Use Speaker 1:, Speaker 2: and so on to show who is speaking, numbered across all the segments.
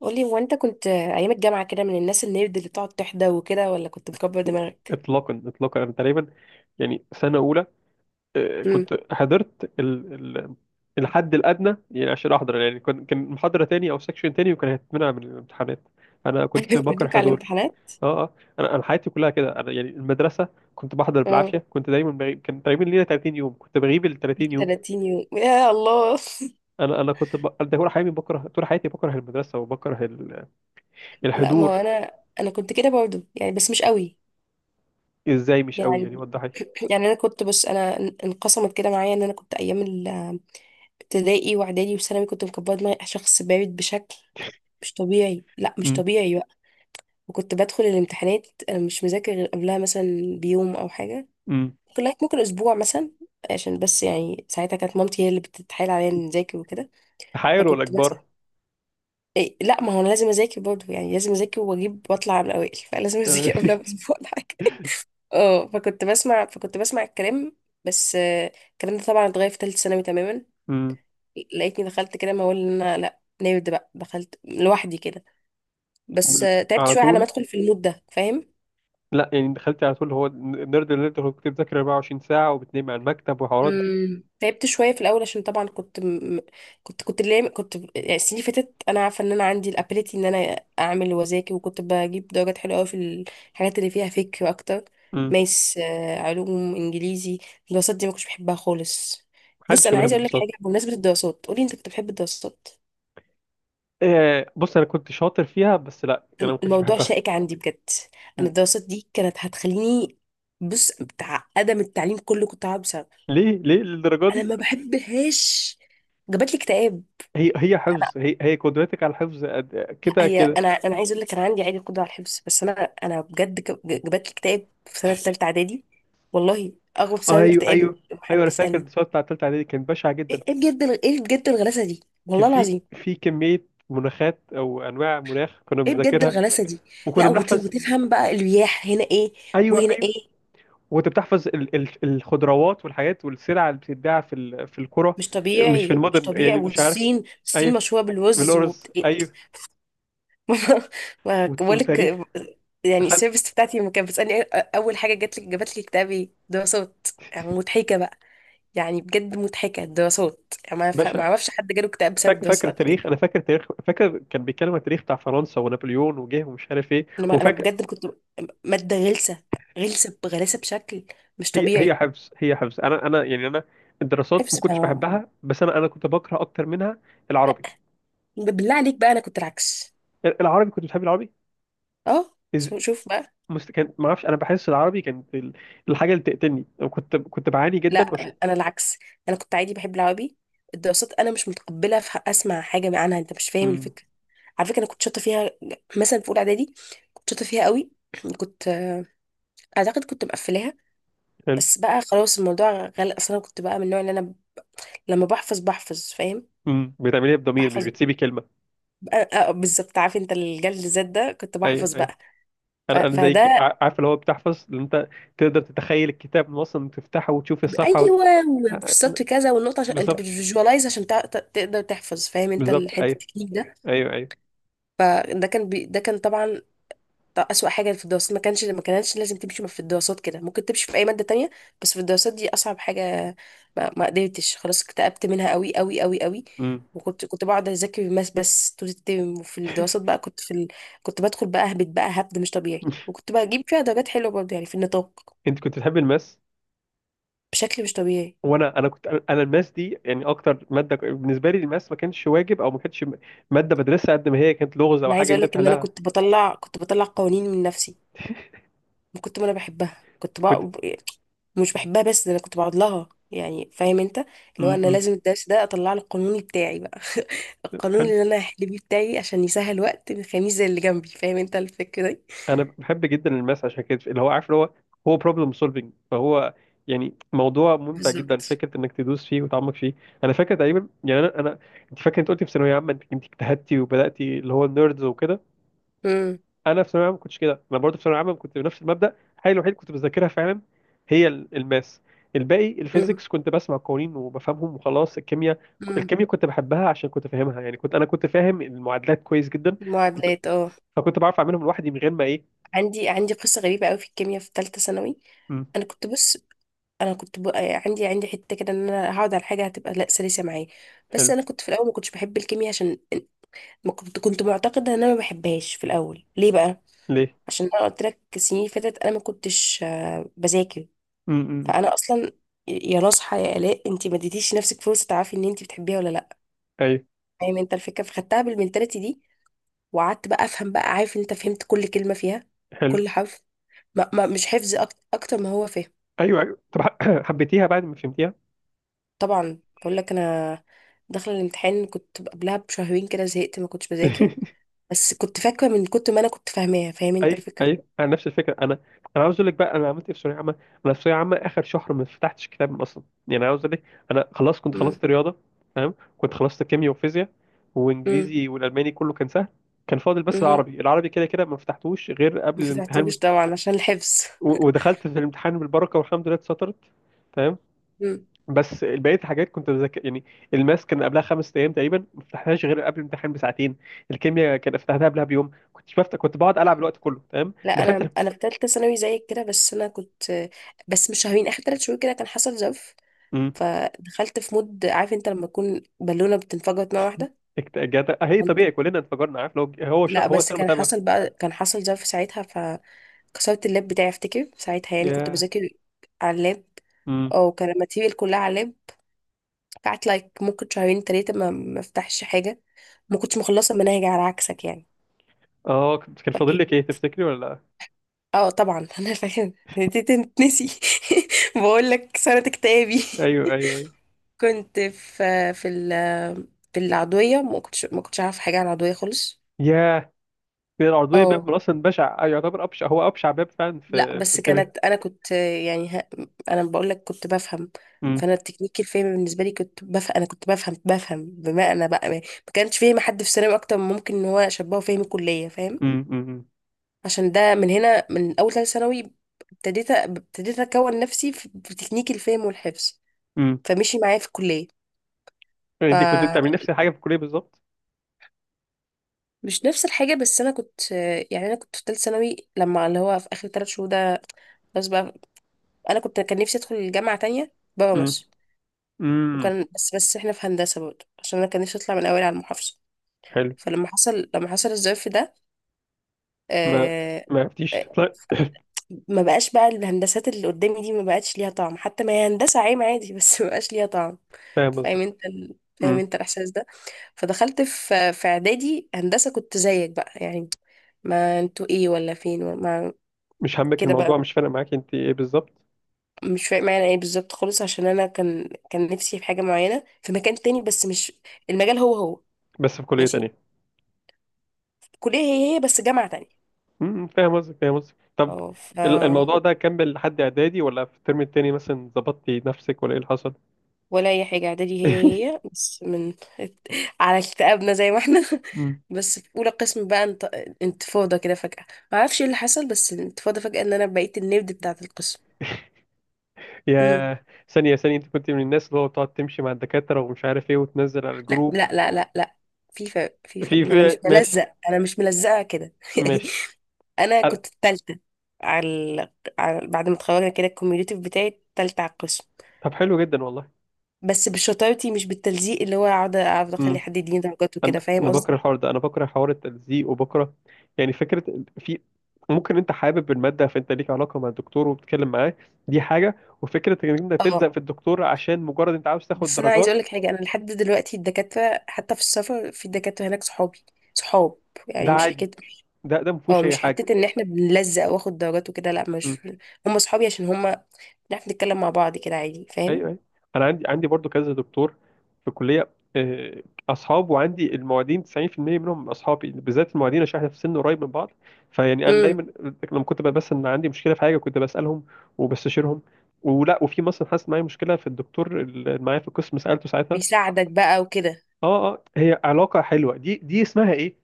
Speaker 1: قولي، هو انت كنت ايام الجامعه كده من الناس النيرد اللي بتقعد تحدى وكده، ولا كنت مكبر دماغك؟
Speaker 2: اطلاقا انا تقريبا سنه اولى.
Speaker 1: امم.
Speaker 2: كنت حضرت الحد الادنى، يعني عشان احضر. يعني كان محاضره تاني او سكشن تاني وكان هيتمنع من الامتحانات. انا كنت بكره
Speaker 1: بيدوك على
Speaker 2: حضور.
Speaker 1: الامتحانات.
Speaker 2: اه انا حياتي كلها كده. انا يعني المدرسه كنت بحضر
Speaker 1: اه.
Speaker 2: بالعافيه، كنت دايما بغيب. كان تقريبا لينا 30 يوم، كنت بغيب ال 30 يوم.
Speaker 1: 30 يوم يا الله.
Speaker 2: ده طول حياتي بكره، طول حياتي بكره المدرسه وبكره
Speaker 1: لا ما هو
Speaker 2: الحضور.
Speaker 1: انا، انا كنت كده برضو يعني بس مش قوي.
Speaker 2: ازاي مش قوي؟ يعني
Speaker 1: يعني
Speaker 2: وضحي.
Speaker 1: يعني انا كنت بص، انا انقسمت كده معايا، ان انا كنت ايام الابتدائي واعدادي وثانوي كنت مكبره دماغي، شخص بارد بشكل مش طبيعي، لا مش
Speaker 2: امم،
Speaker 1: طبيعي بقى. وكنت بدخل الامتحانات انا مش مذاكر غير قبلها مثلا بيوم او حاجه،
Speaker 2: امم.
Speaker 1: ممكن لغاية ممكن أسبوع مثلا، عشان بس يعني ساعتها كانت مامتي هي اللي بتتحايل عليا إني أذاكر وكده.
Speaker 2: تحايل ولا
Speaker 1: فكنت بس،
Speaker 2: كبار؟
Speaker 1: إيه لا ما هو أنا لازم أذاكر برضه، يعني لازم أذاكر وأجيب وأطلع من الأوائل فلازم أذاكر قبلها بأسبوع ولا حاجة. اه فكنت بسمع الكلام. بس الكلام ده طبعا اتغير في تالتة ثانوي تماما. لقيتني دخلت كده، ما هو إن أنا لا نرد بقى، دخلت لوحدي كده. بس تعبت
Speaker 2: على
Speaker 1: شوية على ما
Speaker 2: طول.
Speaker 1: أدخل في المود ده، فاهم؟
Speaker 2: لا يعني دخلت على طول؟ هو النيرد اللي انت كنت بتذاكر 24 ساعة وبتنام على المكتب والحوارات دي.
Speaker 1: امم، تعبت شويه في الاول عشان طبعا كنت كنت اللي كنت ب- يعني السنين اللي فاتت انا عارفه ان انا عندي الابيليتي ان انا اعمل واذاكر، وكنت بجيب درجات حلوه قوي في الحاجات اللي فيها فكر اكتر.
Speaker 2: امم.
Speaker 1: ماس، علوم، انجليزي. الدراسات دي ما كنتش بحبها خالص. بص،
Speaker 2: محدش كان
Speaker 1: انا
Speaker 2: بيحب
Speaker 1: عايزه اقول لك حاجه
Speaker 2: الدراسات.
Speaker 1: بمناسبه الدراسات. قولي، انت كنت بتحب الدراسات؟
Speaker 2: آه، بص، انا كنت شاطر فيها، بس لا انا ما كنتش
Speaker 1: الموضوع
Speaker 2: بحبها.
Speaker 1: شائك عندي بجد. انا الدراسات دي كانت هتخليني، بص، بتاع ادم التعليم كله كنت هقعد بسببها.
Speaker 2: ليه؟ ليه للدرجة
Speaker 1: انا
Speaker 2: دي؟
Speaker 1: ما بحبهاش، جابت لي اكتئاب.
Speaker 2: هي حفظ؟ هي قدرتك على الحفظ قد-
Speaker 1: لا
Speaker 2: كده
Speaker 1: هي
Speaker 2: كده؟
Speaker 1: انا، انا عايز اقول لك، انا عندي عادي قدره على الحفظ، بس انا، انا بجد جابت لي اكتئاب في سنه ثالثه اعدادي. والله، اغرب سبب
Speaker 2: ايوه،
Speaker 1: اكتئاب
Speaker 2: ايوه. ايوه،
Speaker 1: حد
Speaker 2: انا فاكر
Speaker 1: يسالني.
Speaker 2: الدراسات بتاعت تالتة اعدادي كانت بشعة جدا.
Speaker 1: ايه، إيه بجد ايه بجد الغلاسه دي
Speaker 2: كان
Speaker 1: والله
Speaker 2: في
Speaker 1: العظيم.
Speaker 2: كمية مناخات او انواع مناخ كنا
Speaker 1: ايه بجد
Speaker 2: بنذاكرها
Speaker 1: الغلاسه دي. لا
Speaker 2: وكنا بنحفظ.
Speaker 1: وتفهم بقى الرياح هنا ايه
Speaker 2: ايوه،
Speaker 1: وهنا
Speaker 2: أيوه.
Speaker 1: ايه،
Speaker 2: وانت بتحفظ الخضروات والحاجات والسلع اللي بتتباع في في القرى،
Speaker 1: مش
Speaker 2: مش في
Speaker 1: طبيعي مش
Speaker 2: المدن
Speaker 1: طبيعي.
Speaker 2: يعني، مش عارف.
Speaker 1: والصين، الصين
Speaker 2: ايوه،
Speaker 1: مشهوره بالرز
Speaker 2: بالأرز،
Speaker 1: إيه.
Speaker 2: ايوه.
Speaker 1: ما بقول لك.
Speaker 2: وتاريخ.
Speaker 1: يعني
Speaker 2: خد.
Speaker 1: السيرفيس بتاعتي لما كانت بتسالني إيه اول حاجه جات لك؟ جابت لي اكتئاب ايه، دراسات؟ يعني مضحكه بقى، يعني بجد مضحكة الدراسات. يعني ما
Speaker 2: باشا،
Speaker 1: اعرفش حد جاله اكتئاب بسبب
Speaker 2: فاكر
Speaker 1: الدراسات قبل كده.
Speaker 2: التاريخ؟ انا فاكر التاريخ، فاكر كان بيتكلم عن التاريخ بتاع فرنسا ونابليون وجه ومش عارف ايه.
Speaker 1: انا ما- انا
Speaker 2: وفاكر
Speaker 1: بجد كنت مادة غلسة، غلسة بغلاسة بشكل مش
Speaker 2: هي
Speaker 1: طبيعي.
Speaker 2: حفظ، حفظ. انا الدراسات ما
Speaker 1: حفظ بتاع
Speaker 2: كنتش
Speaker 1: ماما.
Speaker 2: بحبها، بس انا كنت بكره اكتر منها
Speaker 1: لا،
Speaker 2: العربي.
Speaker 1: بالله عليك بقى انا كنت العكس.
Speaker 2: العربي كنت بتحب العربي؟
Speaker 1: اه
Speaker 2: إز...
Speaker 1: شوف بقى.
Speaker 2: كان ما اعرفش، انا بحس العربي كانت الحاجه اللي تقتلني، وكنت بعاني
Speaker 1: لا
Speaker 2: جدا
Speaker 1: انا العكس، انا كنت عادي بحب العربي. الدراسات انا مش متقبلة اسمع حاجة عنها، انت مش فاهم
Speaker 2: مم.
Speaker 1: الفكرة. على فكرة انا كنت شاطرة فيها، مثلا في اولى اعدادي كنت شاطرة فيها قوي. كنت اعتقد كنت مقفلاها،
Speaker 2: حلو.
Speaker 1: بس بقى خلاص الموضوع غلق اصلا. أنا كنت بقى من النوع اللي انا لما بحفظ بحفظ، فاهم؟
Speaker 2: امم، بتعمليها بضمير، مش
Speaker 1: بحفظ
Speaker 2: بتسيبي كلمه.
Speaker 1: بالظبط. عارف انت الجلد الذات ده؟ كنت
Speaker 2: ايوه،
Speaker 1: بحفظ
Speaker 2: ايوه.
Speaker 1: بقى.
Speaker 2: انا زيك،
Speaker 1: فده،
Speaker 2: عارف اللي هو بتحفظ. اللي انت تقدر تتخيل الكتاب من اصلا تفتحه وتشوف الصفحه
Speaker 1: ايوه، وفي السطر كذا والنقطه، عشان انت
Speaker 2: بالظبط.
Speaker 1: بتفيجواليز عشان تقدر تحفظ، فاهم انت
Speaker 2: بالظبط،
Speaker 1: الحته
Speaker 2: ايوه.
Speaker 1: التكنيك ده؟
Speaker 2: ايوه، ايوه.
Speaker 1: ده كان طبعا ده أسوأ حاجة في الدراسات. ما كانش ما كانتش لازم تمشي في الدراسات كده، ممكن تمشي في أي مادة تانية، بس في الدراسات دي أصعب حاجة. ما قدرتش، خلاص اكتئبت منها قوي قوي قوي قوي.
Speaker 2: امم.
Speaker 1: وكنت بقعد أذاكر الماس بس طول الترم، وفي الدراسات بقى كنت بدخل بقى أهبط بقى هبد مش طبيعي، وكنت بجيب فيها درجات حلوة برضه يعني في النطاق
Speaker 2: انت كنت بتحب الماس؟
Speaker 1: بشكل مش طبيعي.
Speaker 2: وانا انا كنت انا الماس دي يعني اكتر ماده بالنسبه لي الماس ما كانش واجب، او ما كانتش ماده بدرسها، قد ما هي كانت لغز او
Speaker 1: أنا
Speaker 2: حاجه
Speaker 1: عايزة
Speaker 2: انت
Speaker 1: أقولك إن أنا
Speaker 2: بتحلها.
Speaker 1: كنت بطلع، كنت بطلع قوانين من نفسي. كنت ما انا بحبها كنت
Speaker 2: كنت،
Speaker 1: بقى مش بحبها، بس ده انا كنت بقعد لها، يعني فاهم انت اللي هو انا
Speaker 2: امم.
Speaker 1: لازم الدرس ده اطلع له القانون بتاعي بقى، القانون اللي انا هحل بيه بتاعي، عشان يسهل وقت الخميس زي اللي جنبي. فاهم انت الفكره دي؟
Speaker 2: انا بحب جدا الماس، عشان كده اللي هو عارف اللي هو هو بروبلم سولفنج، فهو يعني موضوع ممتع جدا،
Speaker 1: بالظبط.
Speaker 2: فكره انك تدوس فيه وتعمق فيه. انا فاكر تقريبا، يعني انا انت فاكر، انت قلتي في ثانويه عامه انت اجتهدتي، وبداتي اللي هو النيردز وكده.
Speaker 1: امم.
Speaker 2: انا في ثانويه عامه ما كنتش كده، انا برضه في ثانويه عامه كنت بنفس المبدا. الحاجه الوحيده اللي كنت بذاكرها فعلا هي الماس. الباقي
Speaker 1: امم.
Speaker 2: الفيزيكس كنت بسمع قوانين وبفهمهم وخلاص. الكيمياء،
Speaker 1: امم.
Speaker 2: الكيمياء كنت بحبها عشان كنت فاهمها، يعني كنت كنت فاهم المعادلات كويس جدا. كنت-
Speaker 1: المعادلات اه.
Speaker 2: فكنت بعرف اعملهم لوحدي من غير ما ايه.
Speaker 1: عندي عندي قصه غريبه قوي في الكيمياء في ثالثه ثانوي.
Speaker 2: مم.
Speaker 1: انا كنت بص، يعني عندي عندي حته كده ان انا هقعد على حاجه هتبقى لا سلسه معايا. بس
Speaker 2: حلو.
Speaker 1: انا كنت في الاول ما كنتش بحب الكيمياء عشان ما كنت كنت معتقدة ان انا ما بحبهاش في الاول. ليه بقى؟
Speaker 2: ليه؟
Speaker 1: عشان انا قلت لك السنين اللي فاتت انا ما كنتش بذاكر.
Speaker 2: امم.
Speaker 1: فانا اصلا، يا نصحى يا الاء، انت ما اديتيش نفسك فرصه تعرفي ان انت بتحبيها ولا لا.
Speaker 2: ايوه.
Speaker 1: فاهم انت الفكره؟ فخدتها بالمنتاليتي دي، وقعدت بقى افهم بقى. عارف انت؟ فهمت كل كلمه فيها،
Speaker 2: حلو.
Speaker 1: كل حرف، ما مش حفظ اكتر ما هو فهم.
Speaker 2: ايوه، ايوه، طب حبيتيها بعد ما فهمتيها؟
Speaker 1: طبعا، بقول لك انا داخله الامتحان كنت قبلها بشهرين كده زهقت، ما كنتش بذاكر، بس كنت فاكره من كتر ما انا كنت فاهماها. فاهم انت
Speaker 2: ايوه،
Speaker 1: الفكره؟
Speaker 2: ايوه. انا نفس الفكره. انا عاوز اقول لك بقى انا عملت ايه في ثانويه عامه. انا في ثانويه عامه اخر شهر ما فتحتش كتاب اصلا. يعني انا عاوز اقول لك، انا خلاص كنت
Speaker 1: امم.
Speaker 2: خلصت رياضه، تمام. كنت خلصت كيمياء وفيزياء وانجليزي والالماني، كله كان سهل. كان فاضل بس
Speaker 1: امم.
Speaker 2: العربي. العربي كده كده ما فتحتوش غير قبل
Speaker 1: ما
Speaker 2: الامتحان.
Speaker 1: فتحتوش طبعا عشان الحفظ.
Speaker 2: ودخلت في الامتحان بالبركه، والحمد لله اتسطرت. تمام.
Speaker 1: مم.
Speaker 2: بس بقيه الحاجات كنت بذاكر يعني. الماس كان قبلها خمس ايام تقريبا، ما فتحناش غير قبل الامتحان بساعتين. الكيمياء كان فتحناها قبلها بيوم، كنت بفتح، كنت بقعد العب الوقت كله. تمام.
Speaker 1: لا
Speaker 2: دخلت
Speaker 1: انا، انا في ثالثه ثانوي زيك كده، بس انا كنت، بس مش شهرين، اخر ثلاث شهور كده، كان حصل جف.
Speaker 2: امم.
Speaker 1: فدخلت في مود، عارف انت لما تكون بالونه بتنفجر مره واحده.
Speaker 2: هي طبيعي، كلنا انفجرنا، عارف؟ لو هو
Speaker 1: لا
Speaker 2: هو
Speaker 1: بس
Speaker 2: سنه
Speaker 1: كان
Speaker 2: متابعه.
Speaker 1: حصل بقى، كان حصل جف ساعتها. فكسرت اللاب بتاعي افتكر ساعتها، يعني كنت
Speaker 2: ياه.
Speaker 1: بذاكر على اللاب،
Speaker 2: امم.
Speaker 1: او كان الماتيريال كلها على اللاب. قعدت لايك ممكن شهرين ثلاثه ما افتحش حاجه. ما كنتش مخلصه المناهج على عكسك يعني.
Speaker 2: اه، كان فاضل لك ايه تفتكري، ولا لا؟
Speaker 1: اه طبعا انا فاهم دي تنسي. بقول لك سنة اكتئابي.
Speaker 2: ايوه، ايوه، ايوه.
Speaker 1: كنت في في العضوية، ما كنتش عارفة حاجة عن العضوية خالص.
Speaker 2: ياه. كان العرضيه
Speaker 1: اه.
Speaker 2: باب من اصلا بشع، يعتبر ابشع، هو ابشع باب فعلا
Speaker 1: لا
Speaker 2: في
Speaker 1: بس
Speaker 2: الكيمياء.
Speaker 1: كانت انا كنت يعني انا بقول لك كنت بفهم.
Speaker 2: امم،
Speaker 1: فانا التكنيك الفهم بالنسبة لي كنت بفهم، انا كنت بفهم بمعنى بقى ما ما كانش فهم حد في ثانوي اكتر من ممكن ان هو شبهه فهم الكلية. فاهم؟
Speaker 2: امم، امم،
Speaker 1: عشان ده من هنا من اول ثالث ثانوي ابتديت اكون نفسي في، في تكنيك الفهم والحفظ،
Speaker 2: امم.
Speaker 1: فمشي معايا في الكليه.
Speaker 2: انت كنت بتعملي نفس
Speaker 1: فمش
Speaker 2: الحاجه في الكليه بالظبط؟
Speaker 1: نفس الحاجه، بس انا كنت يعني، انا كنت في ثالث ثانوي لما اللي هو في اخر ثلاث شهور ده، بس بقى انا كنت، كان نفسي ادخل الجامعه تانية بره
Speaker 2: امم،
Speaker 1: مصر،
Speaker 2: امم.
Speaker 1: وكان بس احنا في هندسه برضه، عشان انا كان نفسي اطلع من اوائل على المحافظه. فلما حصل، لما حصل الظرف ده،
Speaker 2: ما
Speaker 1: آه،
Speaker 2: ما عرفتيش تطلع؟
Speaker 1: ما بقاش بقى الهندسات اللي قدامي دي ما بقتش ليها طعم، حتى ما هي هندسة عام عادي بس ما بقاش ليها طعم.
Speaker 2: فاهم
Speaker 1: فاهم
Speaker 2: قصدك.
Speaker 1: انت ال... فاهم
Speaker 2: امم.
Speaker 1: انت الاحساس ده؟ فدخلت في في اعدادي هندسة كنت زيك بقى، يعني ما انتوا ايه ولا فين ولا ما،
Speaker 2: مش همك
Speaker 1: كده بقى.
Speaker 2: الموضوع، مش فارق معاك انت ايه بالظبط.
Speaker 1: مش فاهم معنى ايه بالظبط خالص، عشان انا كان نفسي في حاجة معينة في مكان تاني، بس مش المجال، هو هو،
Speaker 2: بس في كلية
Speaker 1: ماشي،
Speaker 2: تانية.
Speaker 1: كلية هي هي بس جامعة تانية.
Speaker 2: امم، فاهم قصدك، فاهم قصدك. طب
Speaker 1: اه،
Speaker 2: الموضوع ده كمل لحد اعدادي، ولا في الترم التاني مثلا ظبطتي نفسك، ولا ايه اللي حصل؟
Speaker 1: ولا اي حاجه، اعدادي هي هي بس من على اكتئابنا زي ما احنا.
Speaker 2: مم.
Speaker 1: بس في اولى قسم بقى انتفاضه كده فجاه، ما اعرفش ايه اللي حصل، بس الانتفاضه فجاه ان انا بقيت النبض بتاعه القسم. امم.
Speaker 2: يا ثانية، ثانية، انت كنت من الناس اللي هو بتقعد تمشي مع الدكاترة ومش عارف ايه، وتنزل على
Speaker 1: لا
Speaker 2: الجروب؟
Speaker 1: لا لا لا لا في فرق في فرق،
Speaker 2: في
Speaker 1: ما انا مش
Speaker 2: ماشي،
Speaker 1: ملزق، انا مش ملزقه كده يعني.
Speaker 2: ماشي.
Speaker 1: انا
Speaker 2: أنا-
Speaker 1: كنت التالتة على, ال- بعد ما اتخرجنا كده الكوميونيتيف بتاعي التالتة على القسم،
Speaker 2: طب حلو جدا والله.
Speaker 1: بس بشطارتي مش بالتلزيق اللي هو اقعد اقعد اخلي
Speaker 2: مم.
Speaker 1: حد يديني درجات
Speaker 2: انا
Speaker 1: وكده، فاهم
Speaker 2: انا
Speaker 1: قصدي؟
Speaker 2: بكره الحوار ده، انا بكره حوار التلزيق وبكره، يعني فكره ال- في ممكن انت حابب الماده فانت ليك علاقه مع الدكتور وبتتكلم معاه، دي حاجه. وفكره انك انت
Speaker 1: اه،
Speaker 2: تلزق في الدكتور عشان مجرد انت عاوز تاخد
Speaker 1: بس انا عايزه
Speaker 2: درجات.
Speaker 1: اقول لك حاجه، انا لحد دلوقتي الدكاتره حتى في السفر في دكاتره هناك صحابي، صحاب،
Speaker 2: ده
Speaker 1: يعني مش
Speaker 2: عادي،
Speaker 1: حكايه.
Speaker 2: ده ما
Speaker 1: اه
Speaker 2: فيهوش اي
Speaker 1: مش
Speaker 2: حاجه.
Speaker 1: حته ان احنا بنلزق واخد درجات وكده، لا
Speaker 2: إمم.
Speaker 1: مش، هم صحابي عشان هم بنعرف نتكلم مع بعض كده عادي، فاهم؟
Speaker 2: ايوه، ايوه. انا عندي، برضو كذا دكتور في الكليه، آه، اصحاب، وعندي المعيدين. 90% منهم اصحابي، بالذات المعيدين، عشان احنا في سن قريب من بعض. فيعني انا
Speaker 1: امم.
Speaker 2: دايما لما كنت بس ان عندي مشكله في حاجه كنت بسالهم وبستشيرهم. ولا وفي مثلا حصلت معايا مشكله في الدكتور اللي معايا في القسم سالته ساعتها.
Speaker 1: بيساعدك بقى وكده.
Speaker 2: اه هي علاقه حلوه دي، دي اسمها ايه؟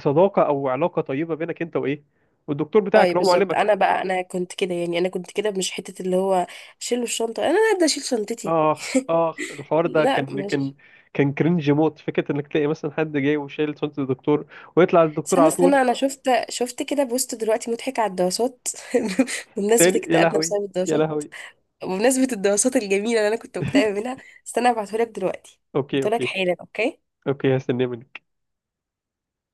Speaker 2: صداقه او علاقه طيبه بينك انت وايه والدكتور بتاعك
Speaker 1: طيب
Speaker 2: اللي هو
Speaker 1: بالظبط،
Speaker 2: معلمك.
Speaker 1: انا بقى انا كنت كده، يعني انا كنت كده مش حته اللي هو شيلوا الشنطه انا هبدا اشيل شنطتي.
Speaker 2: اخ الحوار ده
Speaker 1: لا
Speaker 2: كان
Speaker 1: مش،
Speaker 2: كان كرنج موت. فكره انك تلاقي مثلا حد جاي وشايل صوت الدكتور ويطلع الدكتور
Speaker 1: استنى
Speaker 2: على
Speaker 1: استنى،
Speaker 2: طول.
Speaker 1: انا شفت، شفت كده بوست دلوقتي مضحك على الدراسات. بمناسبة
Speaker 2: تاني؟ يا
Speaker 1: اكتئابنا
Speaker 2: لهوي،
Speaker 1: بسبب
Speaker 2: يا
Speaker 1: الدراسات،
Speaker 2: لهوي.
Speaker 1: بمناسبة الدراسات الجميلة اللي أنا كنت مكتئبة منها. استنى هبعتهولك دلوقتي،
Speaker 2: اوكي،
Speaker 1: هبعتهولك
Speaker 2: اوكي.
Speaker 1: حالا أوكي.
Speaker 2: اوكي، هستناه منك.